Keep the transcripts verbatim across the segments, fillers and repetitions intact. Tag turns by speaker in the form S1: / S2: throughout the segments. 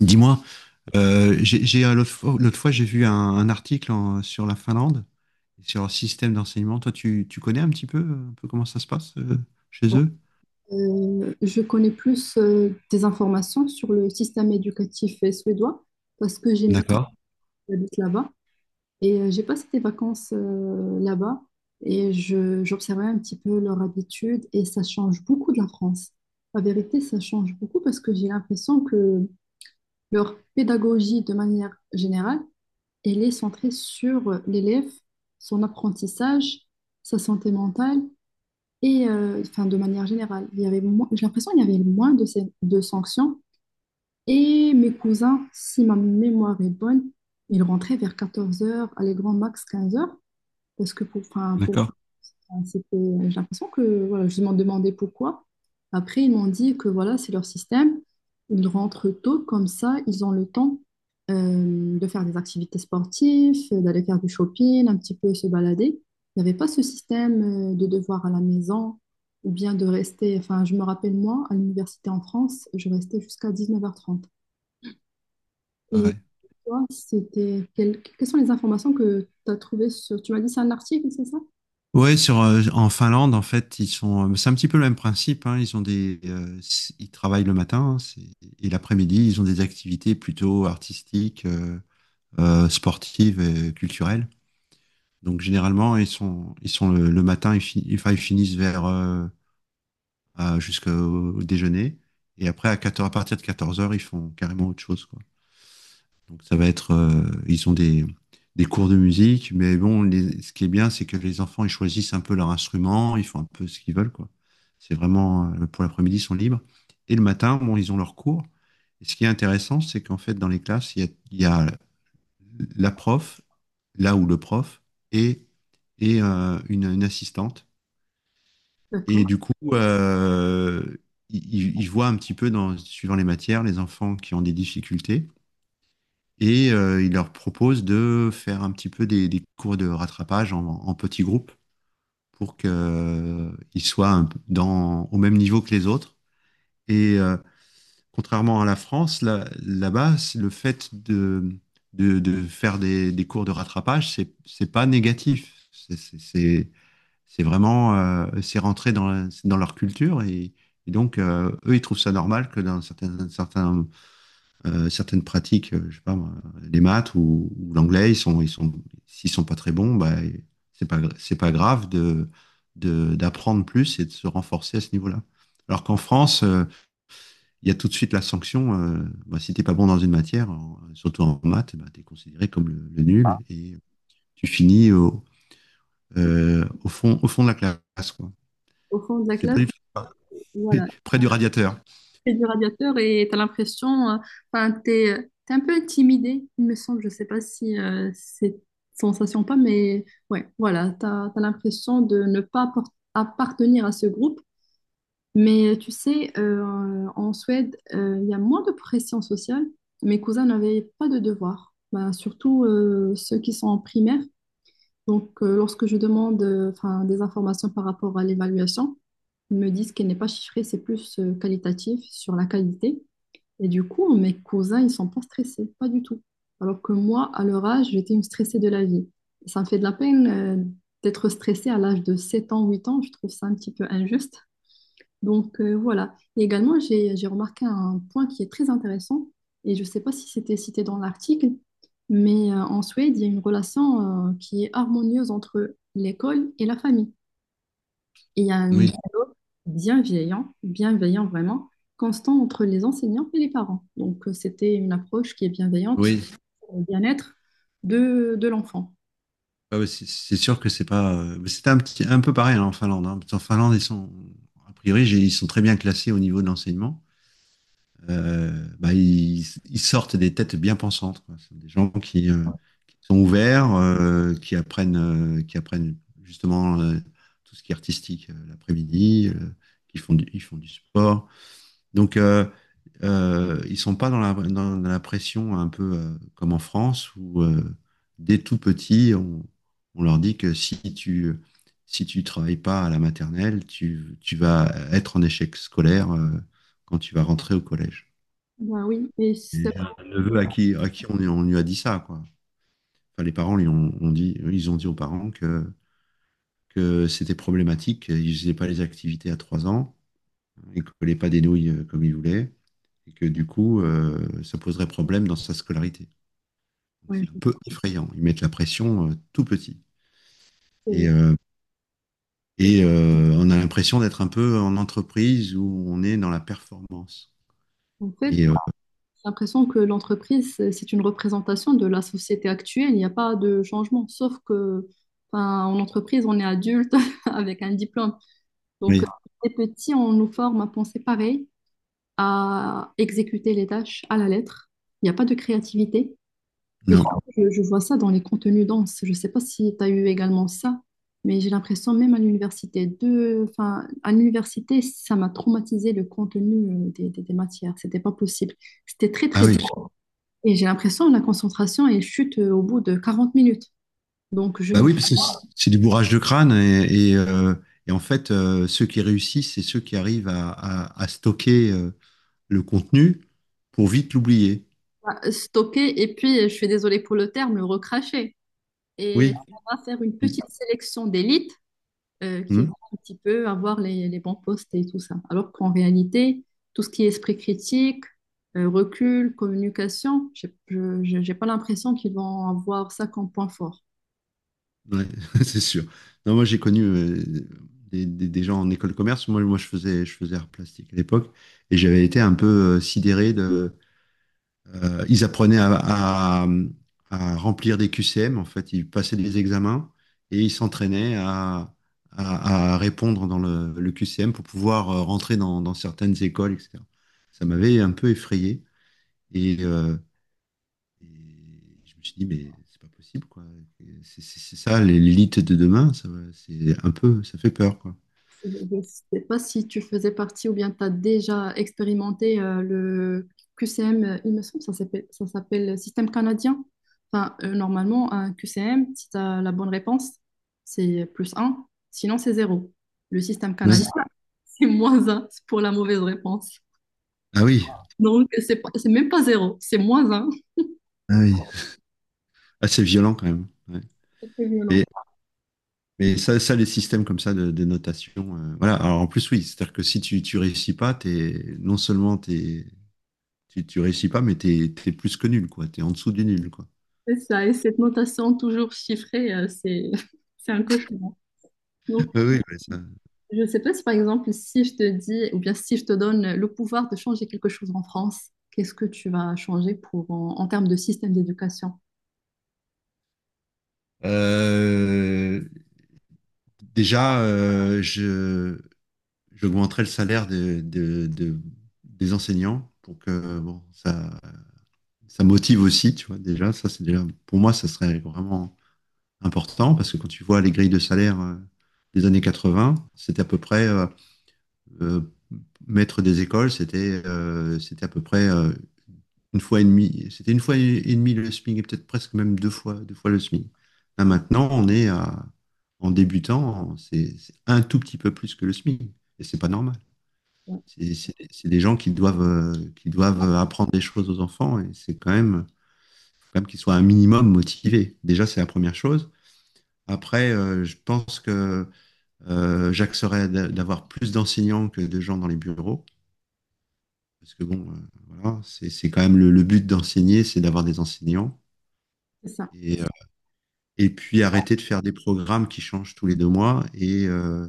S1: Dis-moi, euh, j'ai, j'ai, euh, l'autre fois, l'autre fois, j'ai vu un, un article en- sur la Finlande, sur leur système d'enseignement. Toi, tu, tu connais un petit peu, euh, un peu comment ça se passe euh, chez eux?
S2: Euh, je connais plus euh, des informations sur le système éducatif euh, suédois parce que j'ai mes parents
S1: D'accord,
S2: qui habitent là-bas et euh, j'ai passé des vacances euh, là-bas et je, j'observais un petit peu leur habitude et ça change beaucoup de la France. La vérité, ça change beaucoup parce que j'ai l'impression que leur pédagogie de manière générale, elle est centrée sur l'élève, son apprentissage, sa santé mentale et euh, enfin, de manière générale, il y avait moins, j'ai l'impression qu'il y avait moins de, ces- de sanctions. Et mes cousins, si ma mémoire est bonne, ils rentraient vers quatorze heures, allez, grand max quinze heures, parce que pour, enfin, pour
S1: d'accord.
S2: Enfin, C'était- J'ai l'impression que voilà, je m'en demandais pourquoi. Après, ils m'ont dit que voilà, c'est leur système. Ils rentrent tôt, comme ça, ils ont le temps euh, de faire des activités sportives, euh, d'aller faire du shopping, un petit peu se balader. Il n'y avait pas ce système euh, de devoir à la maison ou bien de rester. Enfin, je me rappelle, moi, à l'université en France, je restais jusqu'à dix-neuf heures trente. Et
S1: Ouais.
S2: toi, c'était quel- quelles sont les informations que tu as trouvées sur... Tu m'as dit c'est un article, c'est ça?
S1: Ouais, sur, euh, en Finlande, en fait, ils sont, euh, c'est un petit peu le même principe, hein. Ils ont des, euh, c- ils travaillent le matin, hein, c'est- et l'après-midi, ils ont des activités plutôt artistiques, euh, euh, sportives et culturelles. Donc généralement, ils sont, ils sont le, le matin, ils, fi- enfin, ils finissent vers euh, à- jusqu'au déjeuner. Et après, à quatorze, à partir de 14 heures, ils font carrément autre chose, quoi. Donc, ça va être, euh, ils ont des, des cours de musique, mais bon, les- ce qui est bien, c'est que les enfants, ils choisissent un peu leur instrument, ils font un peu ce qu'ils veulent, quoi. C'est vraiment, euh, pour l'après-midi, ils sont libres. Et le matin, bon, ils ont leurs cours. Et ce qui est intéressant, c'est qu'en fait, dans les classes, il y a, il y a la prof, là où le prof, et, et euh, une, une assistante.
S2: D'accord.
S1: Et du coup, euh, ils, ils voient un petit peu, dans, suivant les matières, les enfants qui ont des difficultés. Et euh, ils leur proposent de faire un petit peu des, des cours de rattrapage en, en petits groupes pour qu'ils soient un peu dans, au même niveau que les autres. Et euh, contrairement à la France, là, là-bas, c'est le fait de, de, de faire des, des cours de rattrapage, c'est, c'est pas négatif. C'est, c'est- c'est- c'est vraiment, euh, c'est rentré dans, la- c'est dans leur culture, et, et donc euh, eux ils trouvent ça normal que dans certaines, certains, euh, certaines pratiques, euh, je sais pas moi, les maths ou, ou l'anglais, ils sont, ils sont, s'ils sont pas très bons, bah c'est pas, gra- c'est pas grave de, de, d'apprendre plus et de se renforcer à ce niveau-là. Alors qu'en France, euh, il y a tout de suite la sanction. Euh, bah, si t'es pas bon dans une matière, en- surtout en maths, bah, t'es considéré comme le, le nul et tu finis au, euh, au fond, au fond de la classe, quoi.
S2: Au fond de la
S1: C'est
S2: classe,
S1: pas du tout
S2: voilà.
S1: près du radiateur.
S2: Fais du radiateur et tu as l'impression, euh, enfin, t'es, euh, t'es un peu intimidé, il me semble. Je sais pas si euh, c'est sensation ou pas, mais ouais, voilà, tu as, l'impression de ne pas apport- appartenir à ce groupe. Mais euh, tu sais, euh, en Suède, euh, il y a moins de pression sociale. Mes cousins n'avaient pas de devoirs, ben, surtout euh, ceux qui sont en primaire. Donc, euh, lorsque je demande euh, enfin, des informations par rapport à l'évaluation, ils me disent qu'elle n'est pas chiffrée, c'est plus euh, qualitatif sur la qualité. Et du coup, mes cousins, ils sont pas stressés, pas du tout. Alors que moi, à leur âge, j'étais une stressée de la vie. Et ça me fait de la peine euh, d'être stressée à l'âge de sept ans, huit ans. Je trouve ça un petit peu injuste. Donc euh, voilà. Et également, j'ai, j'ai remarqué un point qui est très intéressant. Et je ne sais pas si c'était cité dans l'article, mais euh, en Suède, il y a une relation euh, qui est harmonieuse entre l'école et la famille. Et il y a un
S1: Oui,
S2: dialogue bienveillant, bienveillant vraiment, constant entre les enseignants et les parents. Donc, euh, c'était une approche qui est bienveillante
S1: oui.
S2: pour le bien-être de, de l'enfant.
S1: Ah ouais, c'est- c'est sûr que c'est pas. Euh, mais c'était un petit, un peu pareil, hein, en Finlande, hein. En Finlande, ils sont, a priori, j'ai- ils sont très bien classés au niveau de l'enseignement. Euh, bah, ils, ils sortent des têtes bien pensantes, quoi. C'est des gens qui, euh, qui sont ouverts, euh, qui apprennent, euh, qui apprennent justement euh, tout ce qui est artistique euh, l'après-midi. Euh, qui font du, ils font du sport. Donc, euh, euh, ils sont pas dans la, dans, dans la pression un peu euh, comme en France où euh, dès tout petit, on, on leur dit que si tu si tu travailles pas à la maternelle, tu, tu vas être en échec scolaire euh, quand tu vas rentrer au collège.
S2: Bah oui, et
S1: Et
S2: ça-
S1: j'ai un neveu à qui à qui on, on lui a dit ça, quoi. Enfin, les parents lui ont, ont dit, ils ont dit aux parents que que c'était problématique, ils faisaient pas les activités à trois ans, ils collaient pas des nouilles euh, comme ils voulaient, et que du coup, euh, ça poserait problème dans sa scolarité. Donc,
S2: ouais,
S1: c'est un
S2: je-
S1: peu effrayant. Ils mettent la pression euh, tout petit. Et,
S2: c'est-
S1: euh,
S2: c'est-
S1: et euh, on a l'impression d'être un peu en entreprise où on est dans la performance.
S2: en fait,
S1: Et euh,
S2: j'ai l'impression que l'entreprise, c'est c'est une représentation de la société actuelle. Il n'y a pas de changement, sauf que, enfin, en entreprise, on est adulte avec un diplôme. Donc, euh,
S1: oui,
S2: les petits, on nous forme à penser pareil, à exécuter les tâches à la lettre. Il n'y a pas de créativité. Et
S1: non.
S2: surtout, je, je vois ça dans les contenus denses. Je ne sais pas si tu as eu également ça, mais j'ai l'impression, même à l'université, de... enfin, à l'université, ça m'a traumatisé le contenu euh, des, des, des matières. C'était pas possible. C'était très,
S1: Ah
S2: très dense.
S1: oui.
S2: Et j'ai l'impression, la concentration, elle chute euh, au bout de quarante minutes. Donc, je
S1: Bah
S2: ne peux
S1: oui, parce que c'est c'est du bourrage de crâne et, et, euh, et en fait, euh, ceux qui réussissent, c'est ceux qui arrivent à, à- à stocker euh, le contenu pour vite l'oublier.
S2: pas stocker. Et puis, je suis désolée pour le terme, le recracher. Et
S1: Oui.
S2: on va faire une petite sélection d'élite euh, qui va
S1: Hmm.
S2: un petit peu avoir les, les bons postes et tout ça. Alors qu'en réalité, tout ce qui est esprit critique, euh, recul, communication, j'ai- je n'ai pas l'impression qu'ils vont avoir ça comme point fort.
S1: Ouais, c'est sûr. Non, moi, j'ai connu euh, des, des- des gens en école de commerce. Moi, moi je faisais, je faisais art plastique à l'époque et j'avais été un peu euh, sidéré de. Euh, ils apprenaient à, à- à remplir des Q C M, en fait. Ils passaient des examens et ils s'entraînaient à, à- à répondre dans le, le Q C M pour pouvoir euh, rentrer dans, dans certaines écoles, et cetera. Ça m'avait un peu effrayé. Et, euh, et je me suis dit, mais c'est pas possible, quoi. C'est c'est- c'est ça, l'é- l'élite de demain, ça, va- c'est un peu, ça fait peur, quoi.
S2: Je ne sais pas si tu faisais partie ou bien tu as déjà expérimenté euh, le Q C M, euh, il me semble, ça s'appelle, ça s'appelle système canadien. Enfin, euh, normalement, un Q C M, si tu as la bonne réponse, c'est plus un, sinon c'est zéro. Le système
S1: Ouais.
S2: canadien,
S1: Si-
S2: c'est moins un pour la mauvaise réponse.
S1: Ah oui,
S2: Donc, c'est pas- c'est même pas zéro, c'est moins un.
S1: ah oui. Ah, c'est violent quand même. Ouais.
S2: C'est très violent.
S1: Mais, mais ça, ça, les systèmes comme ça de, de notation, euh, voilà. Alors en plus, oui, c'est-à-dire que si tu, tu réussis pas, t'es, non seulement t'es, tu, tu réussis pas, mais t'es, t'es plus que nul, quoi. T'es en dessous du nul, quoi.
S2: C'est ça, et cette notation toujours chiffrée, euh, c'est c'est un cauchemar.
S1: Ah
S2: Donc,
S1: oui, ouais, ça.
S2: je ne sais pas si par exemple, si je te dis, ou bien si je te donne le pouvoir de changer quelque chose en France, qu'est-ce que tu vas changer pour, en, en termes de système d'éducation?
S1: Euh, Déjà, euh, je, j'augmenterai le salaire de- de- de- des enseignants, pour que bon, ça, ça motive aussi, tu vois. Déjà, ça c'est déjà, pour moi, ça serait vraiment important parce que quand tu vois les grilles de salaire euh, des années quatre-vingts, c'était à peu près, euh, euh, maître des écoles, c'était euh, c'était à peu près euh, une fois et demie, c'était une fois et et demie le SMIC, et peut-être presque même deux fois, deux fois le SMIC. Là maintenant, on est à, en débutant, c'est c'est un tout petit peu plus que le SMIC, et c'est pas normal.
S2: Ouais,
S1: C'est c'est- c'est des gens qui doivent, euh, qui doivent apprendre des choses aux enfants, et c'est quand même, faut quand même qu'ils soient un minimum motivés. Déjà, c'est la première chose. Après, euh, je pense que euh, j'axerais d'a- d'avoir plus d'enseignants que de gens dans les bureaux. Parce que bon, euh, voilà, c'est c'est quand même le, le but d'enseigner, c'est d'avoir des enseignants.
S2: c'est ça.
S1: Et, euh, et puis arrêter de faire des programmes qui changent tous les deux mois et, euh,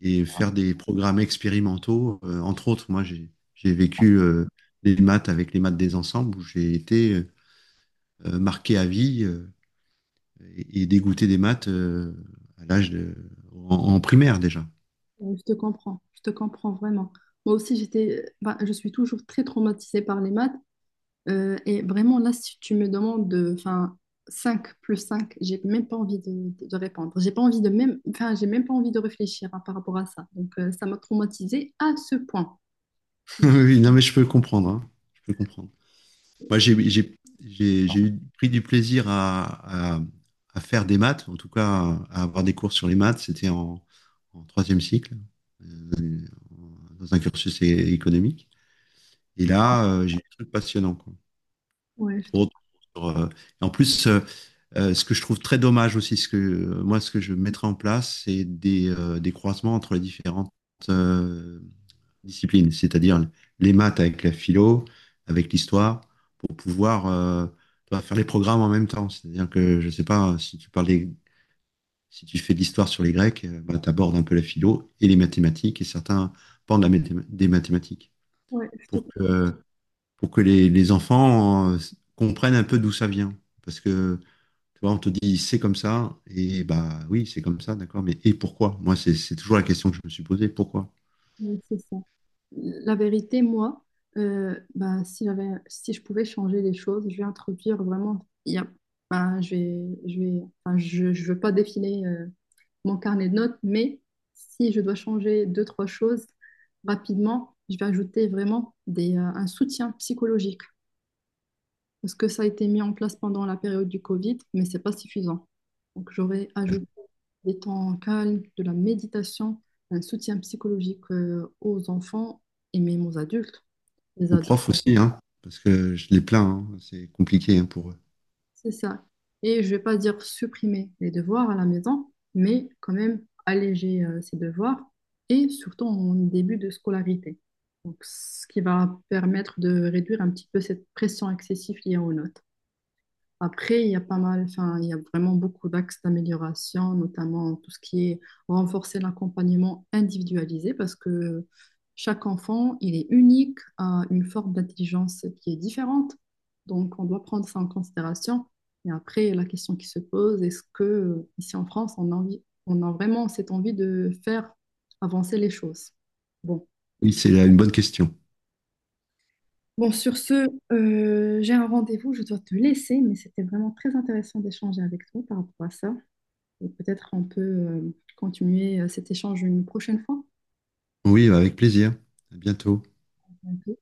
S1: et faire des programmes expérimentaux. Euh, entre autres, moi, j'ai j'ai vécu euh, des maths avec les maths des ensembles où j'ai été euh, marqué à vie euh, et, et dégoûté des maths euh, à l'âge de, en, en primaire déjà.
S2: Ouais, je te comprends. Je te comprends vraiment. Moi aussi, j'étais, bah, je suis toujours très traumatisée par les maths. Euh, et vraiment, là, si tu me demandes de, enfin, cinq plus cinq, j'ai même pas envie de, de- de répondre. J'ai pas envie de même, enfin, j'ai même pas envie de réfléchir hein, par rapport à ça. Donc, euh, ça m'a traumatisée à ce point.
S1: Oui, non, mais je peux comprendre, hein. Je peux comprendre. Moi, j'ai j'ai- j'ai- j'ai eu pris du plaisir à, à- à faire des maths, en tout cas à, à avoir des cours sur les maths. C'était en, en troisième cycle, euh, dans un cursus é- économique. Et là, euh, j'ai eu des trucs passionnants, quoi.
S2: Ouais, je
S1: Entre
S2: te,
S1: autres, sur, euh, et en plus, euh, euh, ce que je trouve très dommage aussi, ce que euh, moi, ce que je mettrais en place, c'est des, euh, des croisements entre les différentes euh, disciplines, c'est-à-dire les maths avec la philo, avec l'histoire, pour pouvoir euh, tu vois, faire les programmes en même temps. C'est-à-dire que, je sais pas, euh, si tu parles des- si tu fais de l'histoire sur les Grecs, euh, bah, tu abordes un peu la philo et les mathématiques et certains pans de la mathém- des mathématiques,
S2: ouais, je te
S1: pour
S2: comprends.
S1: que, pour que les, les enfants euh, comprennent un peu d'où ça vient. Parce que tu vois, on te dit c'est comme ça, et bah oui, c'est comme ça, d'accord, mais et pourquoi? Moi, c'est c'est toujours la question que je me suis posée, pourquoi?
S2: Ouais, c'est ça. La vérité, moi, euh, ben, si j'avais, si je pouvais changer les choses, je vais introduire vraiment. Il y a- ben, je vais, je vais, enfin, je, je veux pas défiler euh, mon carnet de notes, mais si je dois changer deux, trois choses rapidement, je vais ajouter vraiment des, euh, un soutien psychologique parce que ça a été mis en place pendant la période du Covid, mais c'est pas suffisant. Donc, j'aurais ajouté des temps calmes, de la méditation, un soutien psychologique euh, aux enfants et même aux adultes. Les
S1: Aux
S2: ados,
S1: profs aussi, hein, parce que je les plains, hein, c'est compliqué, hein, pour eux.
S2: c'est ça. Et je vais pas dire supprimer les devoirs à la maison, mais quand même alléger euh, ces devoirs et surtout en début de scolarité. Donc, ce qui va permettre de réduire un petit peu cette pression excessive liée aux notes. Après, il y a pas mal, enfin, il y a vraiment beaucoup d'axes d'amélioration, notamment tout ce qui est renforcer l'accompagnement individualisé, parce que chaque enfant, il est unique, a une forme d'intelligence qui est différente. Donc, on doit prendre ça en considération. Et après, la question qui se pose, est-ce que ici en France, on a envie, on a vraiment cette envie de faire avancer les choses? Bon.
S1: Oui, c'est là une bonne question.
S2: Bon, sur ce, euh, j'ai un rendez-vous, je dois te laisser, mais c'était vraiment très intéressant d'échanger avec toi par rapport à ça. Et peut-être on peut euh, continuer euh, cet échange une prochaine fois.
S1: Oui, avec plaisir. À bientôt.
S2: On peut